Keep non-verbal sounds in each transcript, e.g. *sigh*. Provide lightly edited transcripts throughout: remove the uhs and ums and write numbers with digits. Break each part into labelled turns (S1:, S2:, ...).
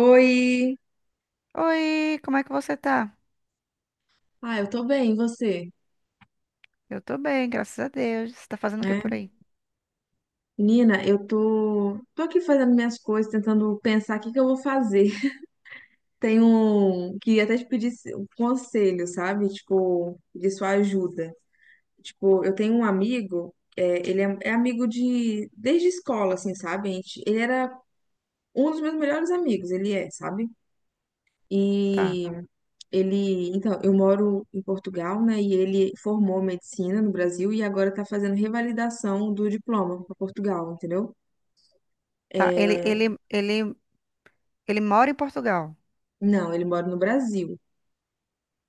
S1: Oi!
S2: Oi, como é que você tá?
S1: Ah, eu tô bem, e você?
S2: Eu tô bem, graças a Deus. Você tá fazendo o que por
S1: É.
S2: aí?
S1: Menina, eu tô aqui fazendo minhas coisas, tentando pensar o que que eu vou fazer. *laughs* Tenho queria até te pedir um conselho, sabe? Tipo, de sua ajuda. Tipo, eu tenho um amigo, é, ele é amigo desde escola, assim, sabe? Ele era um dos meus melhores amigos, ele é, sabe?
S2: Tá,
S1: E então, eu moro em Portugal, né? E ele formou medicina no Brasil e agora tá fazendo revalidação do diploma para Portugal, entendeu?
S2: tá. Ele mora em Portugal.
S1: Não, ele mora no Brasil.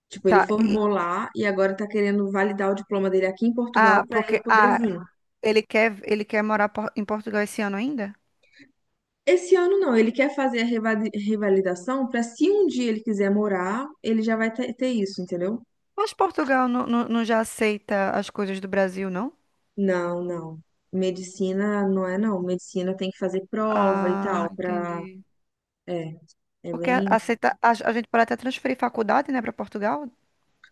S1: Tipo, ele
S2: Tá.
S1: formou lá e agora tá querendo validar o diploma dele aqui em Portugal
S2: Ah,
S1: para ele
S2: porque
S1: poder
S2: ah,
S1: vir.
S2: ele quer em Portugal esse ano ainda?
S1: Esse ano não, ele quer fazer a revalidação para se um dia ele quiser morar, ele já vai ter isso, entendeu?
S2: Mas Portugal não já aceita as coisas do Brasil, não?
S1: Não, não. Medicina não é não. Medicina tem que fazer prova e
S2: Ah,
S1: tal para
S2: entendi.
S1: é, é bem
S2: Aceita, a gente pode até transferir faculdade, né, para Portugal?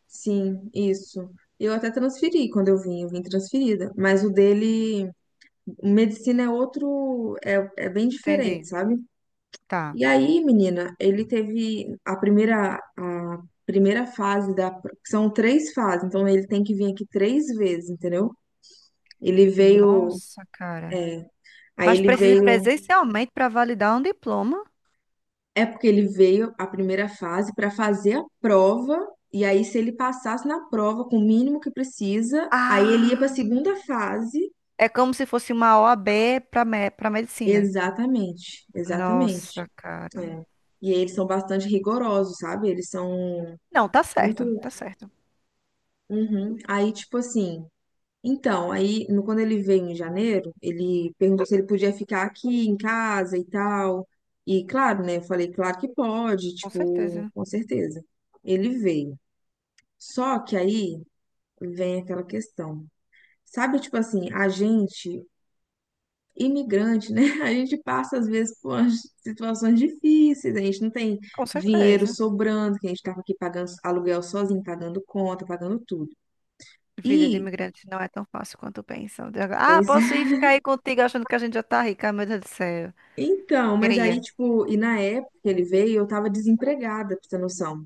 S1: Sim, isso. Eu até transferi quando eu vim transferida. Mas o dele, medicina é outro, é bem diferente,
S2: Entendi.
S1: sabe?
S2: Tá.
S1: E aí, menina, ele teve a primeira fase são três fases, então ele tem que vir aqui três vezes, entendeu? Ele veio,
S2: Nossa, cara.
S1: aí
S2: Mas
S1: ele
S2: precisa ir
S1: veio,
S2: presencialmente para validar um diploma?
S1: é porque ele veio a primeira fase para fazer a prova. E aí, se ele passasse na prova com o mínimo que precisa, aí ele ia para a
S2: Ah.
S1: segunda fase.
S2: É como se fosse uma OAB para medicina.
S1: Exatamente, exatamente.
S2: Nossa, cara.
S1: É. E eles são bastante rigorosos, sabe? Eles são
S2: Não, tá
S1: muito.
S2: certo, tá certo.
S1: Uhum. Aí, tipo assim. Então, aí, quando ele veio em janeiro, ele perguntou se ele podia ficar aqui em casa e tal. E, claro, né? Eu falei, claro que pode,
S2: Com
S1: tipo,
S2: certeza,
S1: com certeza. Ele veio. Só que aí vem aquela questão. Sabe, tipo assim, a gente imigrante, né? *laughs* A gente passa, às vezes, por umas situações difíceis, a gente não tem
S2: com
S1: dinheiro
S2: certeza.
S1: sobrando, que a gente estava aqui pagando aluguel sozinho, pagando conta, pagando tudo.
S2: Vida de
S1: E,
S2: imigrante não é tão fácil quanto pensam. Ah,
S1: pois
S2: posso
S1: é.
S2: ir
S1: *laughs*
S2: ficar aí contigo achando que a gente já tá rica, meu Deus do céu.
S1: Então, mas
S2: Queria,
S1: aí, tipo, e na época que ele veio, eu tava desempregada, pra você ter noção.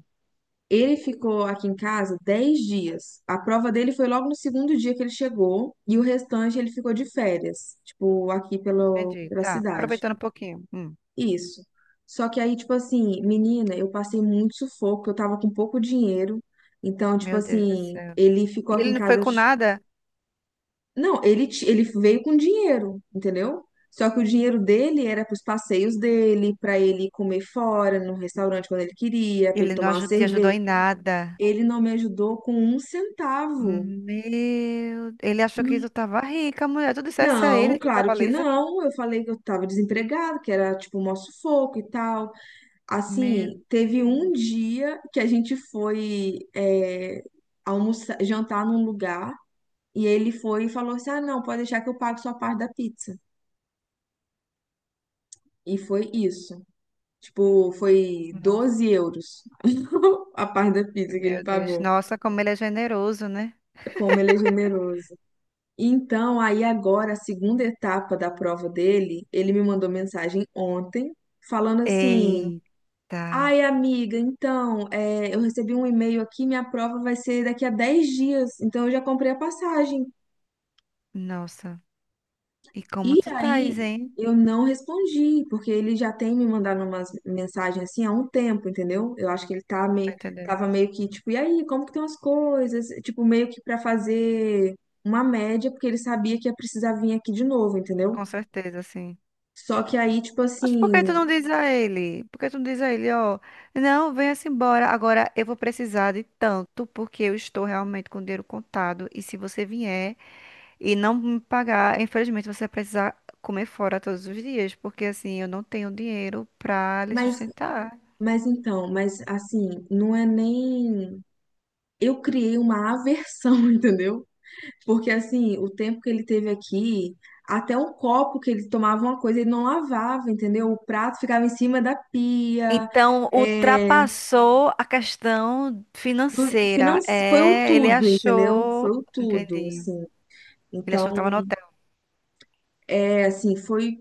S1: Ele ficou aqui em casa 10 dias. A prova dele foi logo no segundo dia que ele chegou, e o restante ele ficou de férias, tipo, aqui pelo,
S2: entendi.
S1: pela
S2: Tá,
S1: cidade.
S2: aproveitando um pouquinho.
S1: Isso. Só que aí, tipo assim, menina, eu passei muito sufoco, eu tava com pouco dinheiro. Então, tipo
S2: Meu Deus do
S1: assim,
S2: céu.
S1: ele ficou
S2: E
S1: aqui
S2: ele
S1: em
S2: não foi
S1: casa.
S2: com nada?
S1: Não, ele veio com dinheiro, entendeu? Só que o dinheiro dele era pros passeios dele, pra ele comer fora, no restaurante quando ele queria, pra ele
S2: Ele não
S1: tomar uma
S2: aju- Te ajudou
S1: cerveja.
S2: em nada.
S1: Ele não me ajudou com um centavo.
S2: Meu, ele achou que tu tava rica, mulher. Tu dissesse a
S1: Não,
S2: ele que
S1: claro
S2: tava
S1: que
S2: lisa?
S1: não. Eu falei que eu tava desempregado, que era tipo um maior sufoco e tal.
S2: Meu
S1: Assim, teve um
S2: Deus.
S1: dia que a gente foi almoçar, jantar num lugar e ele foi e falou assim: Ah, não, pode deixar que eu pago sua parte da pizza. E foi isso. Tipo, foi 12 euros *laughs* a parte da pizza que ele
S2: Meu Deus.
S1: pagou.
S2: Nossa, como ele é generoso, né?
S1: Como ele é generoso. Então, aí agora, a segunda etapa da prova dele, ele me mandou mensagem ontem falando assim.
S2: Eita.
S1: Ai, amiga, então, é, eu recebi um e-mail aqui, minha prova vai ser daqui a 10 dias, então eu já comprei a passagem.
S2: Nossa. E como
S1: E
S2: tu estás,
S1: aí,
S2: hein?
S1: eu não respondi, porque ele já tem me mandado umas mensagens assim há um tempo, entendeu? Eu acho que ele tá me,
S2: Tá entendendo?
S1: tava meio que, tipo, e aí, como que estão as coisas? Tipo, meio que para fazer uma média, porque ele sabia que ia precisar vir aqui de novo, entendeu?
S2: Com certeza, sim.
S1: Só que aí, tipo
S2: Mas por que
S1: assim,
S2: tu não diz a ele? Por que tu não diz a ele, ó, não, venha-se embora. Agora eu vou precisar de tanto, porque eu estou realmente com o dinheiro contado. E se você vier e não me pagar, infelizmente você vai precisar comer fora todos os dias, porque assim eu não tenho dinheiro pra lhe
S1: mas,
S2: sustentar.
S1: mas então, mas assim, não é nem. Eu criei uma aversão, *laughs* entendeu? Porque assim, o tempo que ele teve aqui, até o copo que ele tomava uma coisa, ele não lavava, entendeu? O prato ficava em cima da pia.
S2: Então,
S1: É,
S2: ultrapassou a questão
S1: do- finan-
S2: financeira.
S1: foi o
S2: É, ele
S1: tudo, entendeu? Foi
S2: achou.
S1: o tudo,
S2: Entendi.
S1: assim.
S2: Ele achou que
S1: Então,
S2: estava no hotel.
S1: é assim,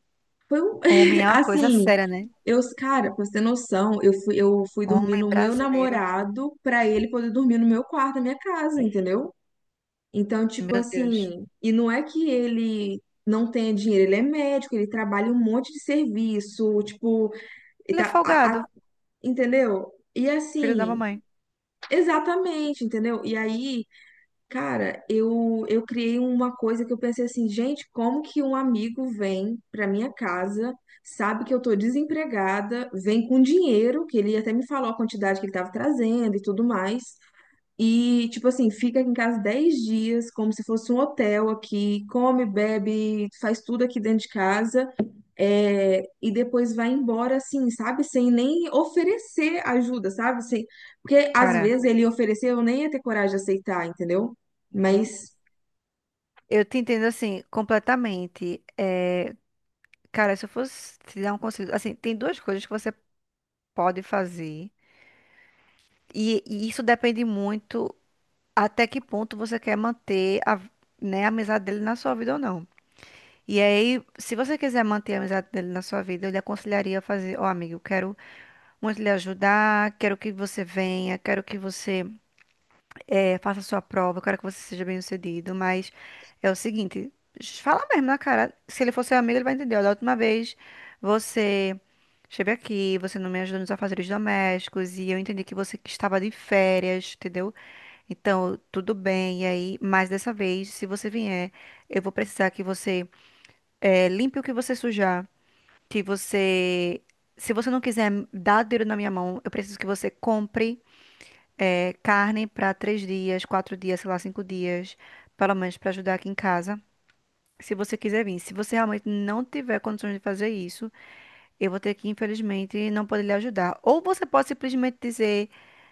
S1: foi um-
S2: Homem
S1: *laughs*
S2: é uma coisa
S1: assim,
S2: séria, né?
S1: cara, pra você ter noção, eu fui dormir
S2: Homem
S1: no meu
S2: brasileiro,
S1: namorado pra ele poder dormir no meu quarto, na minha casa, entendeu? Então, tipo
S2: meu Deus.
S1: assim, e não é que ele não tenha dinheiro, ele é médico, ele trabalha um monte de serviço, tipo, ele
S2: Ele é
S1: tá,
S2: folgado,
S1: entendeu? E
S2: filho da
S1: assim,
S2: mamãe.
S1: exatamente, entendeu? E aí, cara, eu criei uma coisa que eu pensei assim, gente, como que um amigo vem pra minha casa, sabe que eu tô desempregada, vem com dinheiro, que ele até me falou a quantidade que ele tava trazendo e tudo mais. E, tipo assim, fica aqui em casa 10 dias, como se fosse um hotel aqui, come, bebe, faz tudo aqui dentro de casa, é, e depois vai embora, assim, sabe? Sem nem oferecer ajuda, sabe? Sem, porque às
S2: Cara,
S1: vezes ele ofereceu, eu nem ia ter coragem de aceitar, entendeu?
S2: uhum.
S1: Mas,
S2: Eu te entendo assim, completamente. É, cara, se eu fosse te dar um conselho. Assim, tem duas coisas que você pode fazer. E isso depende muito até que ponto você quer manter a, né, a amizade dele na sua vida ou não. E aí, se você quiser manter a amizade dele na sua vida, eu lhe aconselharia a fazer, ó, amigo, eu quero muito lhe ajudar, quero que você venha, quero que você faça a sua prova, eu quero que você seja bem-sucedido, mas é o seguinte, fala mesmo na cara, se ele for seu amigo, ele vai entender, ó, da última vez você esteve aqui, você não me ajudou nos afazeres domésticos, e eu entendi que você que estava de férias, entendeu? Então, tudo bem, e aí, mas dessa vez, se você vier, eu vou precisar que você limpe o que você sujar, que você, se você não quiser dar dinheiro na minha mão, eu preciso que você compre carne para três dias, quatro dias, sei lá, cinco dias, pelo menos para ajudar aqui em casa. Se você quiser vir, se você realmente não tiver condições de fazer isso, eu vou ter que, infelizmente, não poder lhe ajudar. Ou você pode simplesmente dizer,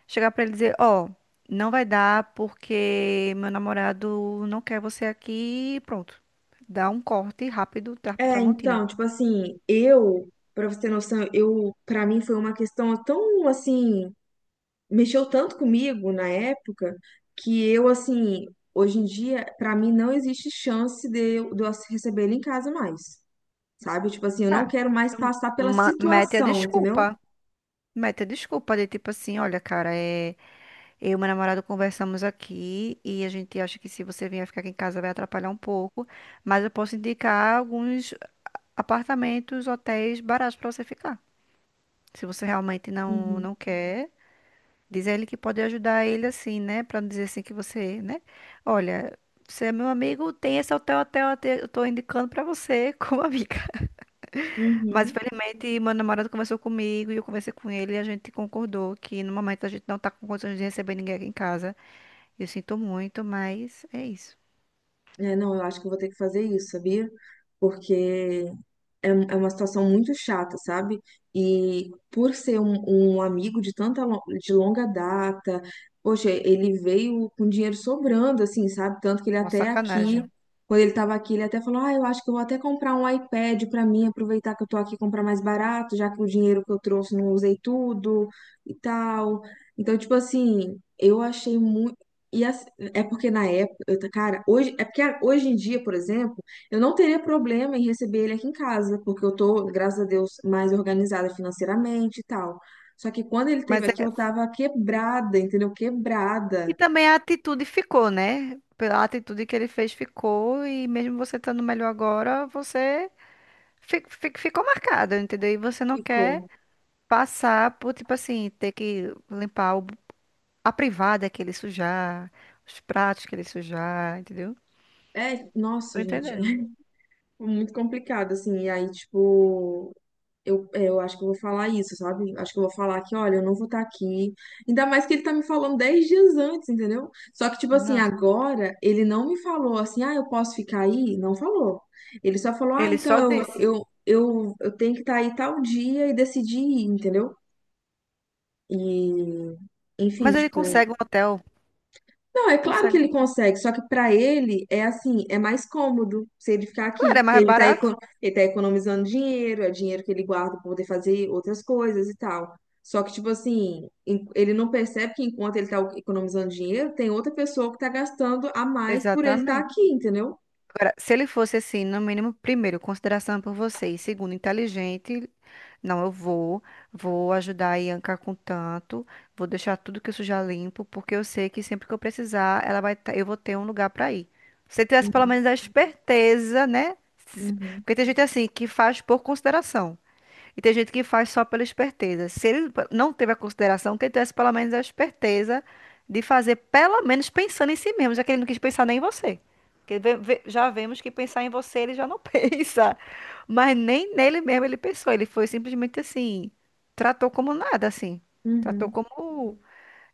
S2: chegar para ele e dizer, ó, não vai dar porque meu namorado não quer você aqui, e pronto. Dá um corte rápido,
S1: é,
S2: Tramontina.
S1: então, tipo assim, pra você ter noção, pra mim foi uma questão tão, assim. Mexeu tanto comigo na época que hoje em dia, pra mim não existe chance de eu receber ele em casa mais, sabe? Tipo assim, eu
S2: Ah,
S1: não quero mais
S2: então,
S1: passar pela
S2: mete a
S1: situação, entendeu?
S2: desculpa. Mete a desculpa de tipo assim, olha, cara, é, eu e meu namorado conversamos aqui e a gente acha que se você vier ficar aqui em casa vai atrapalhar um pouco, mas eu posso indicar alguns apartamentos, hotéis baratos pra você ficar. Se você realmente não
S1: Uhum.
S2: não quer, diz a ele que pode ajudar ele assim, né, pra não dizer assim que você, né? Olha, você é meu amigo, tem esse hotel, hotel, eu tô indicando pra você *laughs* como amiga. Mas
S1: Uhum.
S2: infelizmente meu namorado conversou comigo e eu conversei com ele e a gente concordou que no momento a gente não tá com condições de receber ninguém aqui em casa. Eu sinto muito, mas é isso.
S1: É, não, eu acho que eu vou ter que fazer isso, sabia? Porque é uma situação muito chata, sabe? E por ser um amigo de tanta de longa data, poxa, ele veio com dinheiro sobrando, assim, sabe? Tanto que ele
S2: Uma
S1: até aqui,
S2: sacanagem.
S1: quando ele estava aqui, ele até falou: Ah, eu acho que eu vou até comprar um iPad para mim, aproveitar que eu tô aqui e comprar mais barato, já que o dinheiro que eu trouxe não usei tudo e tal. Então, tipo assim, eu achei muito. E as- é porque na época, cara, hoje, é porque hoje em dia, por exemplo. Eu não teria problema em receber ele aqui em casa, porque eu tô, graças a Deus, mais organizada financeiramente e tal. Só que quando ele esteve
S2: Mas
S1: aqui,
S2: é.
S1: eu tava quebrada, entendeu?
S2: E
S1: Quebrada.
S2: também a atitude ficou, né? Pela atitude que ele fez ficou e mesmo você estando melhor agora, você ficou marcada, entendeu? E você não
S1: Ficou.
S2: quer passar por, tipo assim, ter que a privada que ele sujar, os pratos que ele sujar, entendeu?
S1: É,
S2: Tô
S1: nossa, gente.
S2: entendendo.
S1: *laughs* Muito complicado, assim, e aí, tipo, eu acho que eu vou falar isso, sabe? Acho que eu vou falar que, olha, eu não vou estar aqui. Ainda mais que ele tá me falando 10 dias antes, entendeu? Só que, tipo assim,
S2: Nossa.
S1: agora, ele não me falou assim, ah, eu posso ficar aí? Não falou. Ele só falou, ah,
S2: Ele só
S1: então
S2: disse.
S1: eu tenho que estar aí tal dia e decidir, ir, entendeu? E, enfim,
S2: Mas ele
S1: tipo,
S2: consegue um hotel.
S1: não, é claro que
S2: Consegue.
S1: ele consegue, só que para ele é assim, é mais cômodo se ele ficar
S2: Claro,
S1: aqui,
S2: é
S1: porque
S2: mais barato.
S1: ele tá economizando dinheiro, é dinheiro que ele guarda para poder fazer outras coisas e tal. Só que, tipo assim, ele não percebe que enquanto ele tá economizando dinheiro, tem outra pessoa que tá gastando a mais por ele estar
S2: Exatamente.
S1: aqui, entendeu?
S2: Agora, se ele fosse assim, no mínimo, primeiro, consideração por você, e segundo, inteligente, não, vou ajudar a Ianca com tanto, vou deixar tudo que eu sujar limpo, porque eu sei que sempre que eu precisar, ela vai, eu vou ter um lugar para ir. Se ele tivesse pelo menos a esperteza, né? Se-
S1: Uhum,
S2: Porque tem gente assim que faz por consideração. E tem gente que faz só pela esperteza. Se ele p- Não teve a consideração, que ele tivesse pelo menos a esperteza de fazer, pelo menos pensando em si mesmo, já que ele não quis pensar nem em você. Porque já vemos que pensar em você ele já não *laughs* pensa. Mas nem nele mesmo ele pensou. Ele foi simplesmente assim, tratou como nada, assim. Tratou
S1: uhum.
S2: como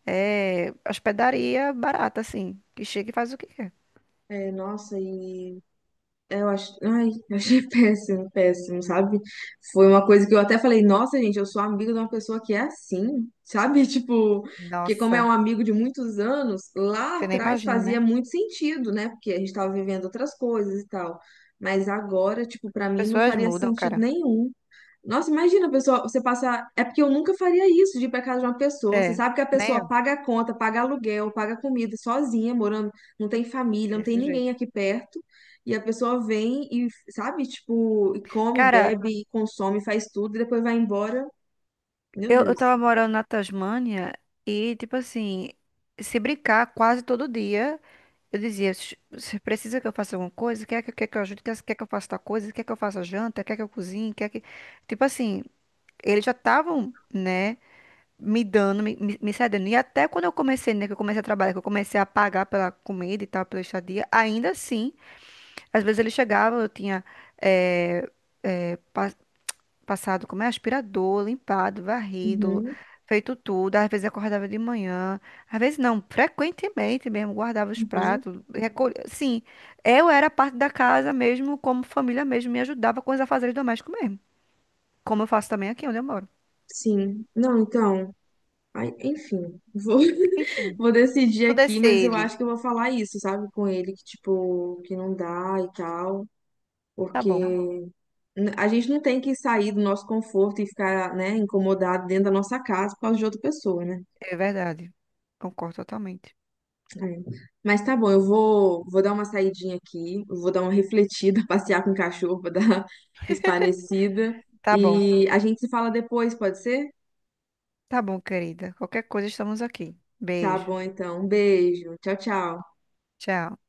S2: é, hospedaria barata, assim. Que chega e faz o que quer.
S1: É, nossa, ai, eu achei *laughs* péssimo, péssimo, sabe? Foi uma coisa que eu até falei, nossa, gente, eu sou amigo de uma pessoa que é assim, sabe? *laughs* Tipo, porque como é
S2: Nossa,
S1: um amigo de muitos anos, lá
S2: você nem
S1: atrás
S2: imagina, né?
S1: fazia muito sentido, né? Porque a gente tava vivendo outras coisas e tal. Mas agora, tipo, pra
S2: As
S1: mim não
S2: pessoas
S1: faria
S2: mudam,
S1: sentido
S2: cara.
S1: nenhum. Nossa, imagina, a pessoa, você passar. É porque eu nunca faria isso de ir pra casa de uma pessoa. Você
S2: É,
S1: sabe que a
S2: nem
S1: pessoa
S2: eu,
S1: paga a conta, paga aluguel, paga comida sozinha, morando, não tem família, não tem
S2: desse
S1: ninguém
S2: jeito.
S1: aqui perto. E a pessoa vem e, sabe, tipo, e come,
S2: Cara,
S1: bebe, e consome, faz tudo, e depois vai embora. Meu
S2: eu
S1: Deus.
S2: tava morando na Tasmânia e, tipo assim, se brincar quase todo dia, eu dizia, Você precisa que eu faça alguma coisa? Quer que eu ajude? Quer que eu faça tal coisa? Quer que eu faça janta? Quer que eu cozinhe? Quer que... Tipo assim, eles já estavam, né, me dando, me cedendo. E até quando eu comecei, né, que eu comecei a trabalhar, que eu comecei a pagar pela comida e tal, pela estadia, ainda assim, às vezes eles chegavam, eu tinha... eh, passado como é aspirador, limpado, varrido,
S1: Uhum,
S2: feito tudo. Às vezes acordava de manhã, às vezes não, frequentemente mesmo, guardava os
S1: uhum,
S2: pratos, recolhia. Sim, eu era parte da casa mesmo, como família mesmo, me ajudava com os afazeres domésticos mesmo. Como eu faço também aqui onde eu moro.
S1: sim. Não, então, ai, enfim, vou, *laughs*
S2: Enfim,
S1: vou decidir
S2: tudo é
S1: aqui, mas eu
S2: ele.
S1: acho que eu vou falar isso, sabe, com ele, que, tipo, que não dá e tal,
S2: Tá
S1: porque
S2: bom,
S1: A gente não tem que sair do nosso conforto e ficar, né, incomodado dentro da nossa casa por causa de outra pessoa, né?
S2: é verdade. Concordo totalmente.
S1: É. Mas tá bom, eu vou dar uma saidinha aqui, eu vou dar uma refletida, *laughs* passear com o cachorro para dar uma esparecida.
S2: Tá bom,
S1: E a gente se fala depois, pode ser?
S2: tá bom, querida. Qualquer coisa, estamos aqui.
S1: Tá
S2: Beijo.
S1: bom, então. Um beijo. Tchau, tchau.
S2: Tchau.